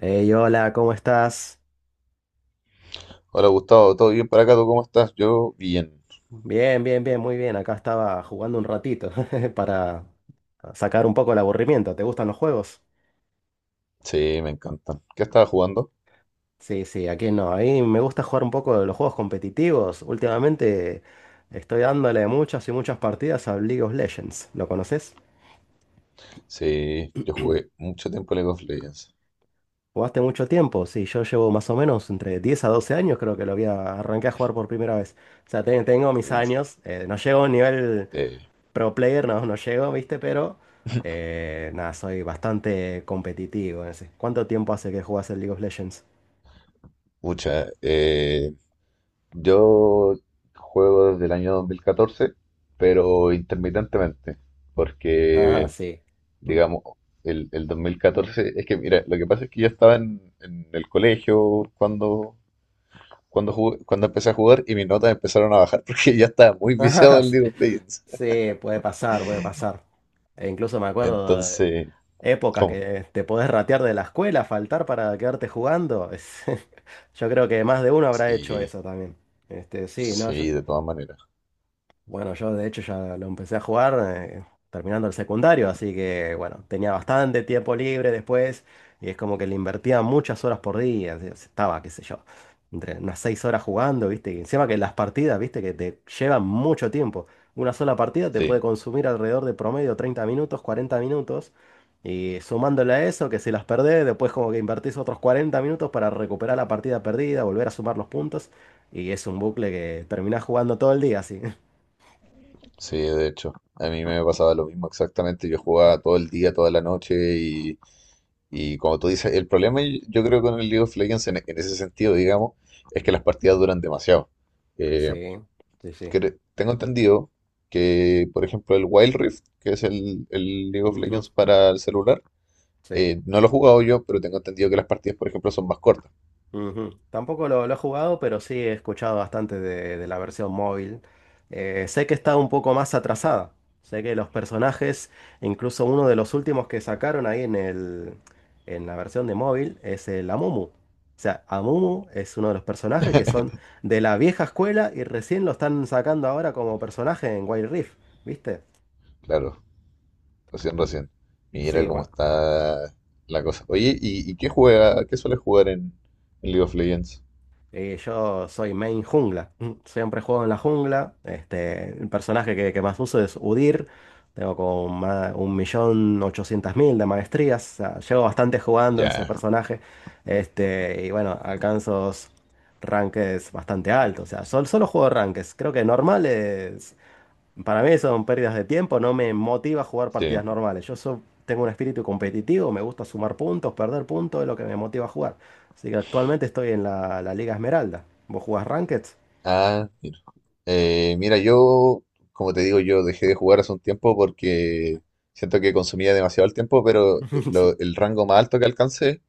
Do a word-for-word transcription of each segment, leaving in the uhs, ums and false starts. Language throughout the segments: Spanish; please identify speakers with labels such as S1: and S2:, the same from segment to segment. S1: Hey, hola, ¿cómo estás?
S2: Hola Gustavo, ¿todo bien para acá? ¿Tú cómo estás? Yo bien.
S1: Bien, bien, bien, muy bien. Acá estaba jugando un ratito para sacar un poco el aburrimiento. ¿Te gustan los juegos?
S2: Sí, me encantan. ¿Qué estabas jugando?
S1: Sí, sí, aquí no. A mí me gusta jugar un poco de los juegos competitivos. Últimamente estoy dándole muchas y muchas partidas a League of Legends. ¿Lo conoces?
S2: Sí, yo jugué mucho tiempo League of Legends.
S1: ¿Jugaste mucho tiempo? Sí, yo llevo más o menos entre diez a doce años, creo que lo había arranqué a jugar por primera vez. O sea, te- tengo mis
S2: Uf,
S1: años, eh, no llego a un nivel
S2: eh,
S1: pro player, no, no llego, ¿viste? Pero eh, nada, soy bastante competitivo. En ese. ¿Cuánto tiempo hace que jugás el League of Legends?
S2: mucha. Eh, yo juego desde el año dos mil catorce, pero intermitentemente,
S1: Ah,
S2: porque,
S1: sí.
S2: digamos, el, el dos mil catorce es que mira, lo que pasa es que yo estaba en, en el colegio cuando, cuando, jugué- cuando empecé a jugar y mis notas empezaron a bajar porque ya estaba muy viciado
S1: Ah,
S2: en
S1: sí.
S2: League of Legends.
S1: Sí, puede pasar, puede pasar. E incluso me acuerdo de
S2: Entonces...
S1: épocas
S2: ¿Cómo?
S1: que te podés ratear de la escuela, faltar para quedarte jugando. Es- yo creo que más de uno habrá hecho
S2: Sí,
S1: eso también. Este, sí, no, yo.
S2: sí, de todas maneras.
S1: Bueno, yo de hecho ya lo empecé a jugar eh, terminando el secundario, así que bueno, tenía bastante tiempo libre después y es como que le invertía muchas horas por día, así- estaba, qué sé yo, entre unas seis horas jugando, ¿viste? Y encima que las partidas, ¿viste? Que te llevan mucho tiempo. Una sola partida te
S2: Sí,
S1: puede consumir alrededor de promedio treinta minutos, cuarenta minutos y sumándole a eso, que si las perdés, después como que invertís otros cuarenta minutos para recuperar la partida perdida, volver a sumar los puntos y es un bucle que terminás jugando todo el día, así.
S2: sí, de hecho. A mí me pasaba lo mismo exactamente. Yo jugaba todo el día, toda la noche y, y como tú dices, el problema y- yo creo con el League of Legends en, en ese sentido, digamos, es que las partidas duran demasiado. Eh,
S1: Sí, sí, sí.
S2: cre- Tengo entendido que, por ejemplo, el Wild Rift, que es el, el League of
S1: Ujú,
S2: Legends para el celular,
S1: sí.
S2: eh, no lo he jugado yo, pero tengo entendido que las partidas, por ejemplo, son más cortas.
S1: Ujú. Tampoco lo, lo he jugado, pero sí he escuchado bastante de, de la versión móvil. Eh, sé que está un poco más atrasada. Sé que los personajes, incluso uno de los últimos que sacaron ahí en el, en la versión de móvil, es el Amumu. O sea, Amumu es uno de los personajes que son de la vieja escuela y recién lo están sacando ahora como personaje en Wild Rift, ¿viste?
S2: Claro. Recién, recién. Mira
S1: Sí,
S2: cómo
S1: bueno.
S2: está la cosa. Oye, ¿y, y qué juega? ¿Qué suele jugar en, en League of Legends?
S1: Y yo soy main jungla. Mm, Siempre juego en la jungla. Este, el personaje que, que más uso es Udyr. Tengo como ma- un millón ochocientos mil de maestrías. O sea, llevo bastante jugando ese
S2: Ya,
S1: personaje. Este, y bueno, alcanzo ranques bastante altos. O sea, sol- solo juego ranques. Creo que normales para mí eso son pérdidas de tiempo, no me motiva a jugar
S2: sí.
S1: partidas normales. Yo so- tengo un espíritu competitivo, me gusta sumar puntos, perder puntos, es lo que me motiva a jugar. Así que actualmente estoy en la, la Liga Esmeralda. ¿Vos jugás Ranked?
S2: Ah, mira. Eh, mira, yo, como te digo, yo dejé de jugar hace un tiempo porque siento que consumía demasiado el tiempo, pero
S1: Sí.
S2: lo- el rango más alto que alcancé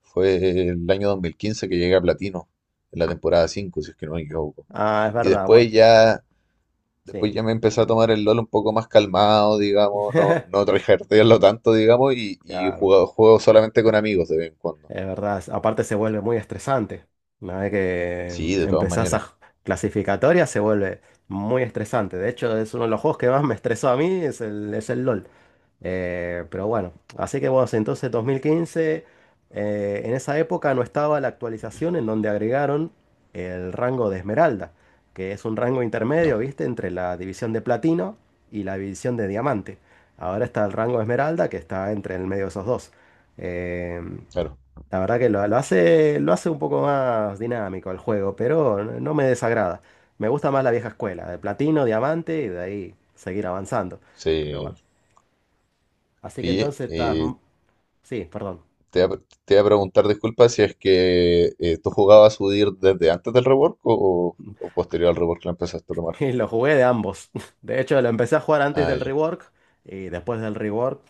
S2: fue el año dos mil quince que llegué a Platino, en la temporada cinco si es que no me equivoco.
S1: Ah, es
S2: Y
S1: verdad,
S2: después
S1: bueno,
S2: ya
S1: sí.
S2: Después ya me empecé a tomar el LOL un poco más calmado, digamos, no, no tryhardearlo tanto, digamos, y, y
S1: Claro,
S2: jugado- juego solamente con amigos de vez en cuando.
S1: es verdad. Aparte se vuelve muy estresante. Una vez que
S2: Sí, de todas
S1: empezás
S2: maneras.
S1: a clasificatoria se vuelve muy estresante. De hecho, es uno de los juegos que más me estresó a mí, es el, es el LOL. Eh, pero bueno, así que bueno, entonces dos mil quince, eh, en esa época no estaba la actualización en donde agregaron el rango de esmeralda, que es un rango
S2: No,
S1: intermedio, ¿viste? Entre la división de platino y la división de diamante. Ahora está el rango de esmeralda que está entre el medio de esos dos. Eh,
S2: claro.
S1: la verdad que lo, lo hace, lo hace un poco más dinámico el juego, pero no no me desagrada. Me gusta más la vieja escuela, de platino, diamante y de ahí seguir avanzando. Pero
S2: Sí.
S1: bueno. Así que
S2: Oye,
S1: entonces estás...
S2: eh,
S1: Sí, perdón.
S2: te voy a, te voy a preguntar, disculpa, si es que eh, tú jugabas U D I R desde antes del rework o, o posterior al rework la empezaste a tomar.
S1: Y lo jugué de ambos. De hecho, lo empecé a jugar antes
S2: Ah,
S1: del
S2: ya,
S1: rework y después del rework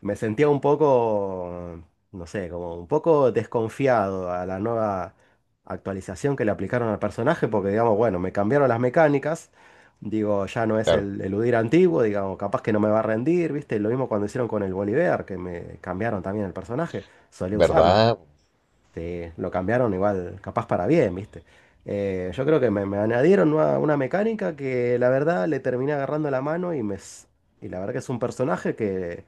S1: me sentía un poco, no sé, como un poco desconfiado a la nueva actualización que le aplicaron al personaje porque, digamos, bueno, me cambiaron las mecánicas. Digo, ya no es
S2: claro.
S1: el eludir antiguo, digamos, capaz que no me va a rendir, ¿viste? Lo mismo cuando hicieron con el Bolívar, que me cambiaron también el personaje. Solía usarlo.
S2: ¿Verdad?
S1: Sí, lo cambiaron igual, capaz para bien, ¿viste? Eh, yo creo que me, me añadieron una, una mecánica que la verdad le terminé agarrando la mano y me... s- Y la verdad que es un personaje que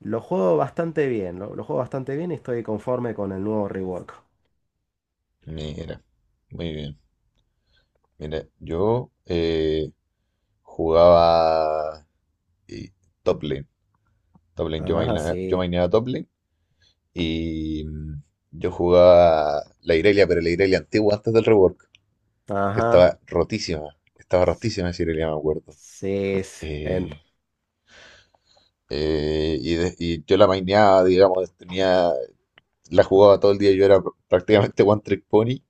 S1: lo juego bastante bien, lo, lo juego bastante bien y estoy conforme con el nuevo rework.
S2: Mira, muy bien. Mira, yo eh, jugaba eh, top lane. Top lane. Yo
S1: Ajá,
S2: mainea- yo
S1: sí.
S2: maineaba top lane y mm, yo jugaba la Irelia, pero la Irelia antigua antes del rework, que
S1: Ajá.
S2: estaba rotísima. Estaba rotísima esa Irelia, me acuerdo.
S1: Sí, sí. en-
S2: Eh, eh, y, de- y yo la maineaba, digamos, tenía, la jugaba todo el día. Yo era pr- prácticamente One Trick Pony.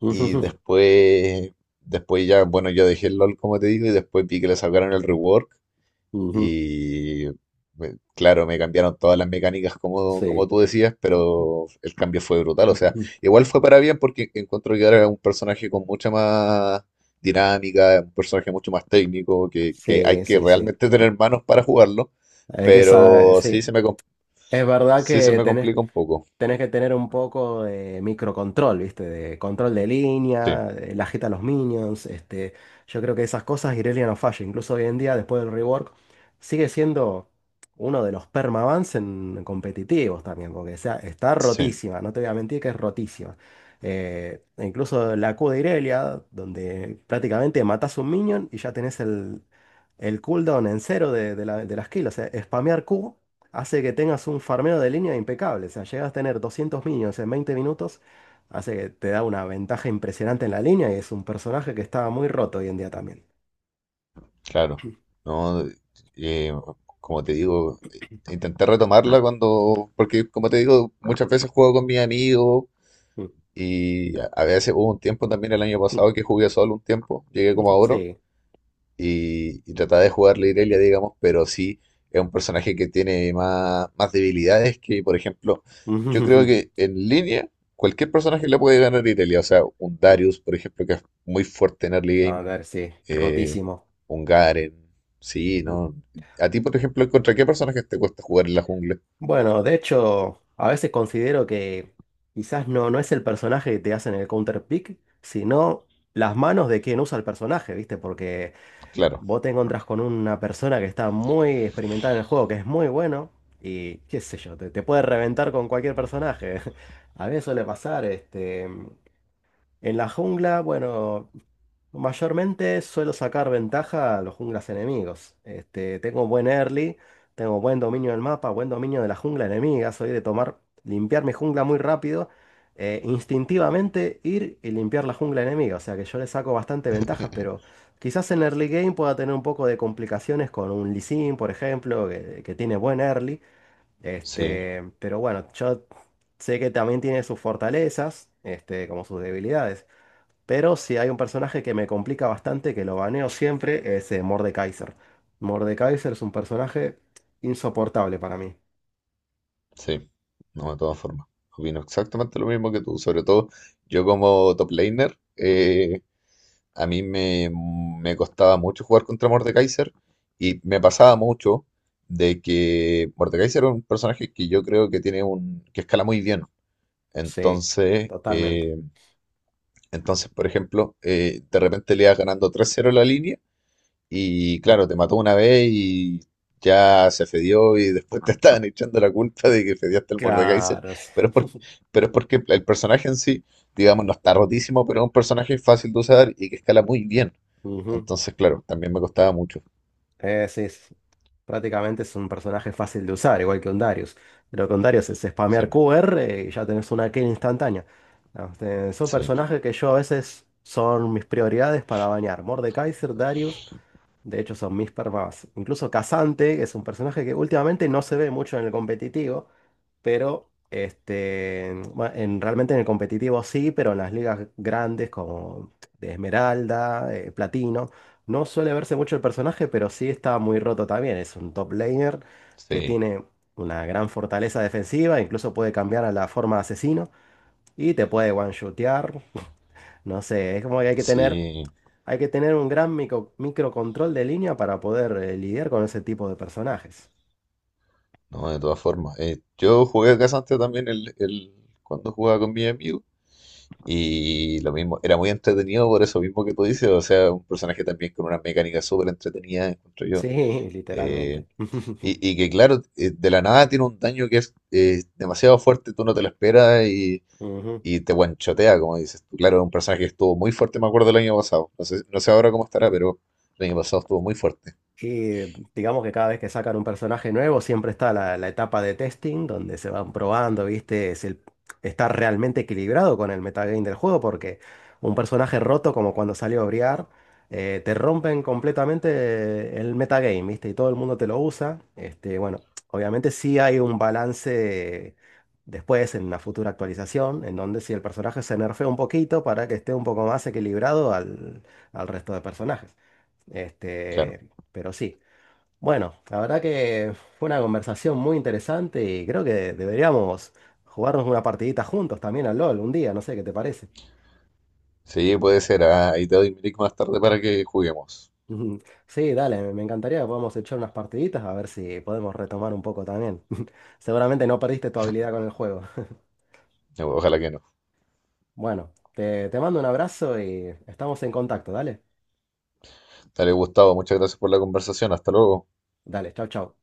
S2: Y
S1: Ujú,
S2: después, después ya, bueno, yo dejé el LOL, como te digo, y después vi que le sacaron el rework.
S1: ujú.
S2: Y me- claro, me cambiaron todas las mecánicas como, como
S1: Sí.
S2: tú decías, pero el cambio fue brutal. O sea, igual fue para bien porque encuentro que ahora es un personaje con mucha más dinámica, un personaje mucho más técnico, que, que hay
S1: Sí,
S2: que
S1: sí, sí.
S2: realmente tener manos para jugarlo,
S1: Hay que saber,
S2: pero sí
S1: sí.
S2: se me, com-
S1: Es verdad
S2: sí se
S1: que
S2: me
S1: tenés
S2: complica un poco.
S1: tenés que tener un poco de microcontrol, ¿viste? De control de
S2: Sí,
S1: línea, de la jeta a los minions, este, yo creo que esas cosas Irelia no falla, incluso hoy en día después del rework sigue siendo uno de los permabans en competitivos también, porque o sea, está
S2: sí,
S1: rotísima, no te voy a mentir que es rotísima. Eh, e incluso la Q de Irelia, donde prácticamente matás un minion y ya tenés el, el cooldown en cero de, de la, de la skill, o sea, spamear Q hace que tengas un farmeo de línea impecable. O sea, llegas a tener doscientos minions en veinte minutos, hace que te da una ventaja impresionante en la línea y es un personaje que está muy roto hoy en día también.
S2: claro. No, eh, como te digo, intenté retomarla cuando, porque como te digo, muchas veces juego con mis amigos. Y a a veces hubo un tiempo también el año pasado que jugué solo un tiempo, llegué como a oro
S1: Sí.
S2: y, y trataba de jugar la Irelia, digamos, pero sí es un personaje que tiene más, más debilidades que, por ejemplo, yo creo que en línea cualquier personaje le puede ganar a Irelia, o sea, un Darius, por ejemplo, que es muy fuerte en early game,
S1: A ver, sí,
S2: eh,
S1: rotísimo.
S2: un Garen, sí, ¿no? A ti, por ejemplo, ¿contra qué personajes te cuesta jugar en la jungla?
S1: Bueno, de hecho, a veces considero que quizás no, no es el personaje que te hacen el counter pick, sino las manos de quien usa el personaje, ¿viste? Porque
S2: Claro,
S1: vos te encontrás con una persona que está muy experimentada en el juego, que es muy bueno, y qué sé yo, te, te puede reventar con cualquier personaje. A mí me suele pasar, este, en la jungla, bueno, mayormente suelo sacar ventaja a los junglas enemigos. Este, tengo buen early, tengo buen dominio del mapa, buen dominio de la jungla enemiga. Soy de tomar, limpiar mi jungla muy rápido, eh, instintivamente ir y limpiar la jungla enemiga. O sea que yo le saco bastante ventajas, pero quizás en early game pueda tener un poco de complicaciones con un Lee Sin, por ejemplo, que, que tiene buen early.
S2: sí.
S1: Este, pero bueno, yo sé que también tiene sus fortalezas, este, como sus debilidades. Pero si hay un personaje que me complica bastante, que lo baneo siempre, es eh, Mordekaiser. Mordekaiser es un personaje insoportable para mí.
S2: Sí, no, de todas formas. Opino exactamente lo mismo que tú. Sobre todo, yo como top laner, eh, a mí me, me costaba mucho jugar contra Mordekaiser y me pasaba mucho de que Mordekaiser es un personaje que yo creo que tiene un, que escala muy bien.
S1: Sí,
S2: Entonces,
S1: totalmente.
S2: eh, entonces, por ejemplo, eh, de repente le ibas ganando tres cero la línea y
S1: Mm.
S2: claro, te mató una vez y ya se fedió y después te estaban echando la culpa de que fediaste el Mordekaiser.
S1: Claro, sí.
S2: Pero es, por- pero es porque el personaje en sí, digamos, no está rotísimo, pero es un personaje fácil de usar y que escala muy bien.
S1: Ujú.
S2: Entonces, claro, también me costaba mucho.
S1: Eh, sí, sí. Sí. Prácticamente es un personaje fácil de usar, igual que un Darius. Lo que un Darius es
S2: Sí,
S1: spamear Q R y ya tenés una kill instantánea. Ah, este, son
S2: sí,
S1: personajes que yo a veces son mis prioridades para bañar. Mordekaiser, Darius. De hecho, son mis permas. Incluso Casante, que es un personaje que últimamente no se ve mucho en el competitivo, pero este, bueno, en, realmente en el competitivo sí, pero en las ligas grandes como de Esmeralda, eh, Platino, no suele verse mucho el personaje, pero sí está muy roto también. Es un top laner que
S2: sí,
S1: tiene una gran fortaleza defensiva, incluso puede cambiar a la forma de asesino y te puede one-shotear. No sé, es como que hay que tener
S2: sí.
S1: hay que tener un gran micro- microcontrol de línea para poder eh, lidiar con ese tipo de personajes.
S2: No, de todas formas. Eh, yo jugué Casante también el, el- cuando jugaba con mi amigo. Y lo mismo, era muy entretenido por eso mismo que tú dices. O sea, un personaje también con una mecánica súper entretenida, encuentro yo.
S1: Sí,
S2: Eh,
S1: literalmente.
S2: y, y que claro, eh, de la nada tiene un daño que es eh, demasiado fuerte, tú no te lo esperas y,
S1: Ujú.
S2: y te guanchotea, como dices tú. Claro, es un personaje que estuvo muy fuerte, me acuerdo el año pasado. No sé, no sé ahora cómo estará, pero el año pasado estuvo muy fuerte.
S1: Y digamos que cada vez que sacan un personaje nuevo, siempre está la, la etapa de testing, donde se van probando, ¿viste? Si el- Está realmente equilibrado con el metagame del juego, porque un personaje roto, como cuando salió Briar, eh, te rompen completamente el metagame, ¿viste? Y todo el mundo te lo usa. Este, bueno, obviamente sí hay un balance después en una futura actualización, en donde si el personaje se nerfea un poquito para que esté un poco más equilibrado al al resto de personajes.
S2: Claro.
S1: Este, pero sí. Bueno, la verdad que fue una conversación muy interesante y creo que deberíamos jugarnos una partidita juntos también al LOL un día, no sé qué te parece.
S2: Sí, puede ser. Ah, ahí te doy mi link más tarde para que juguemos.
S1: Ujú. Sí, dale, me me encantaría que podamos echar unas partiditas a ver si podemos retomar un poco también. Seguramente no perdiste tu habilidad con el juego.
S2: Ojalá que no.
S1: Bueno, te, te mando un abrazo y estamos en contacto, dale.
S2: Dale, Gustavo, muchas gracias por la conversación. Hasta luego.
S1: Dale, chau, chau.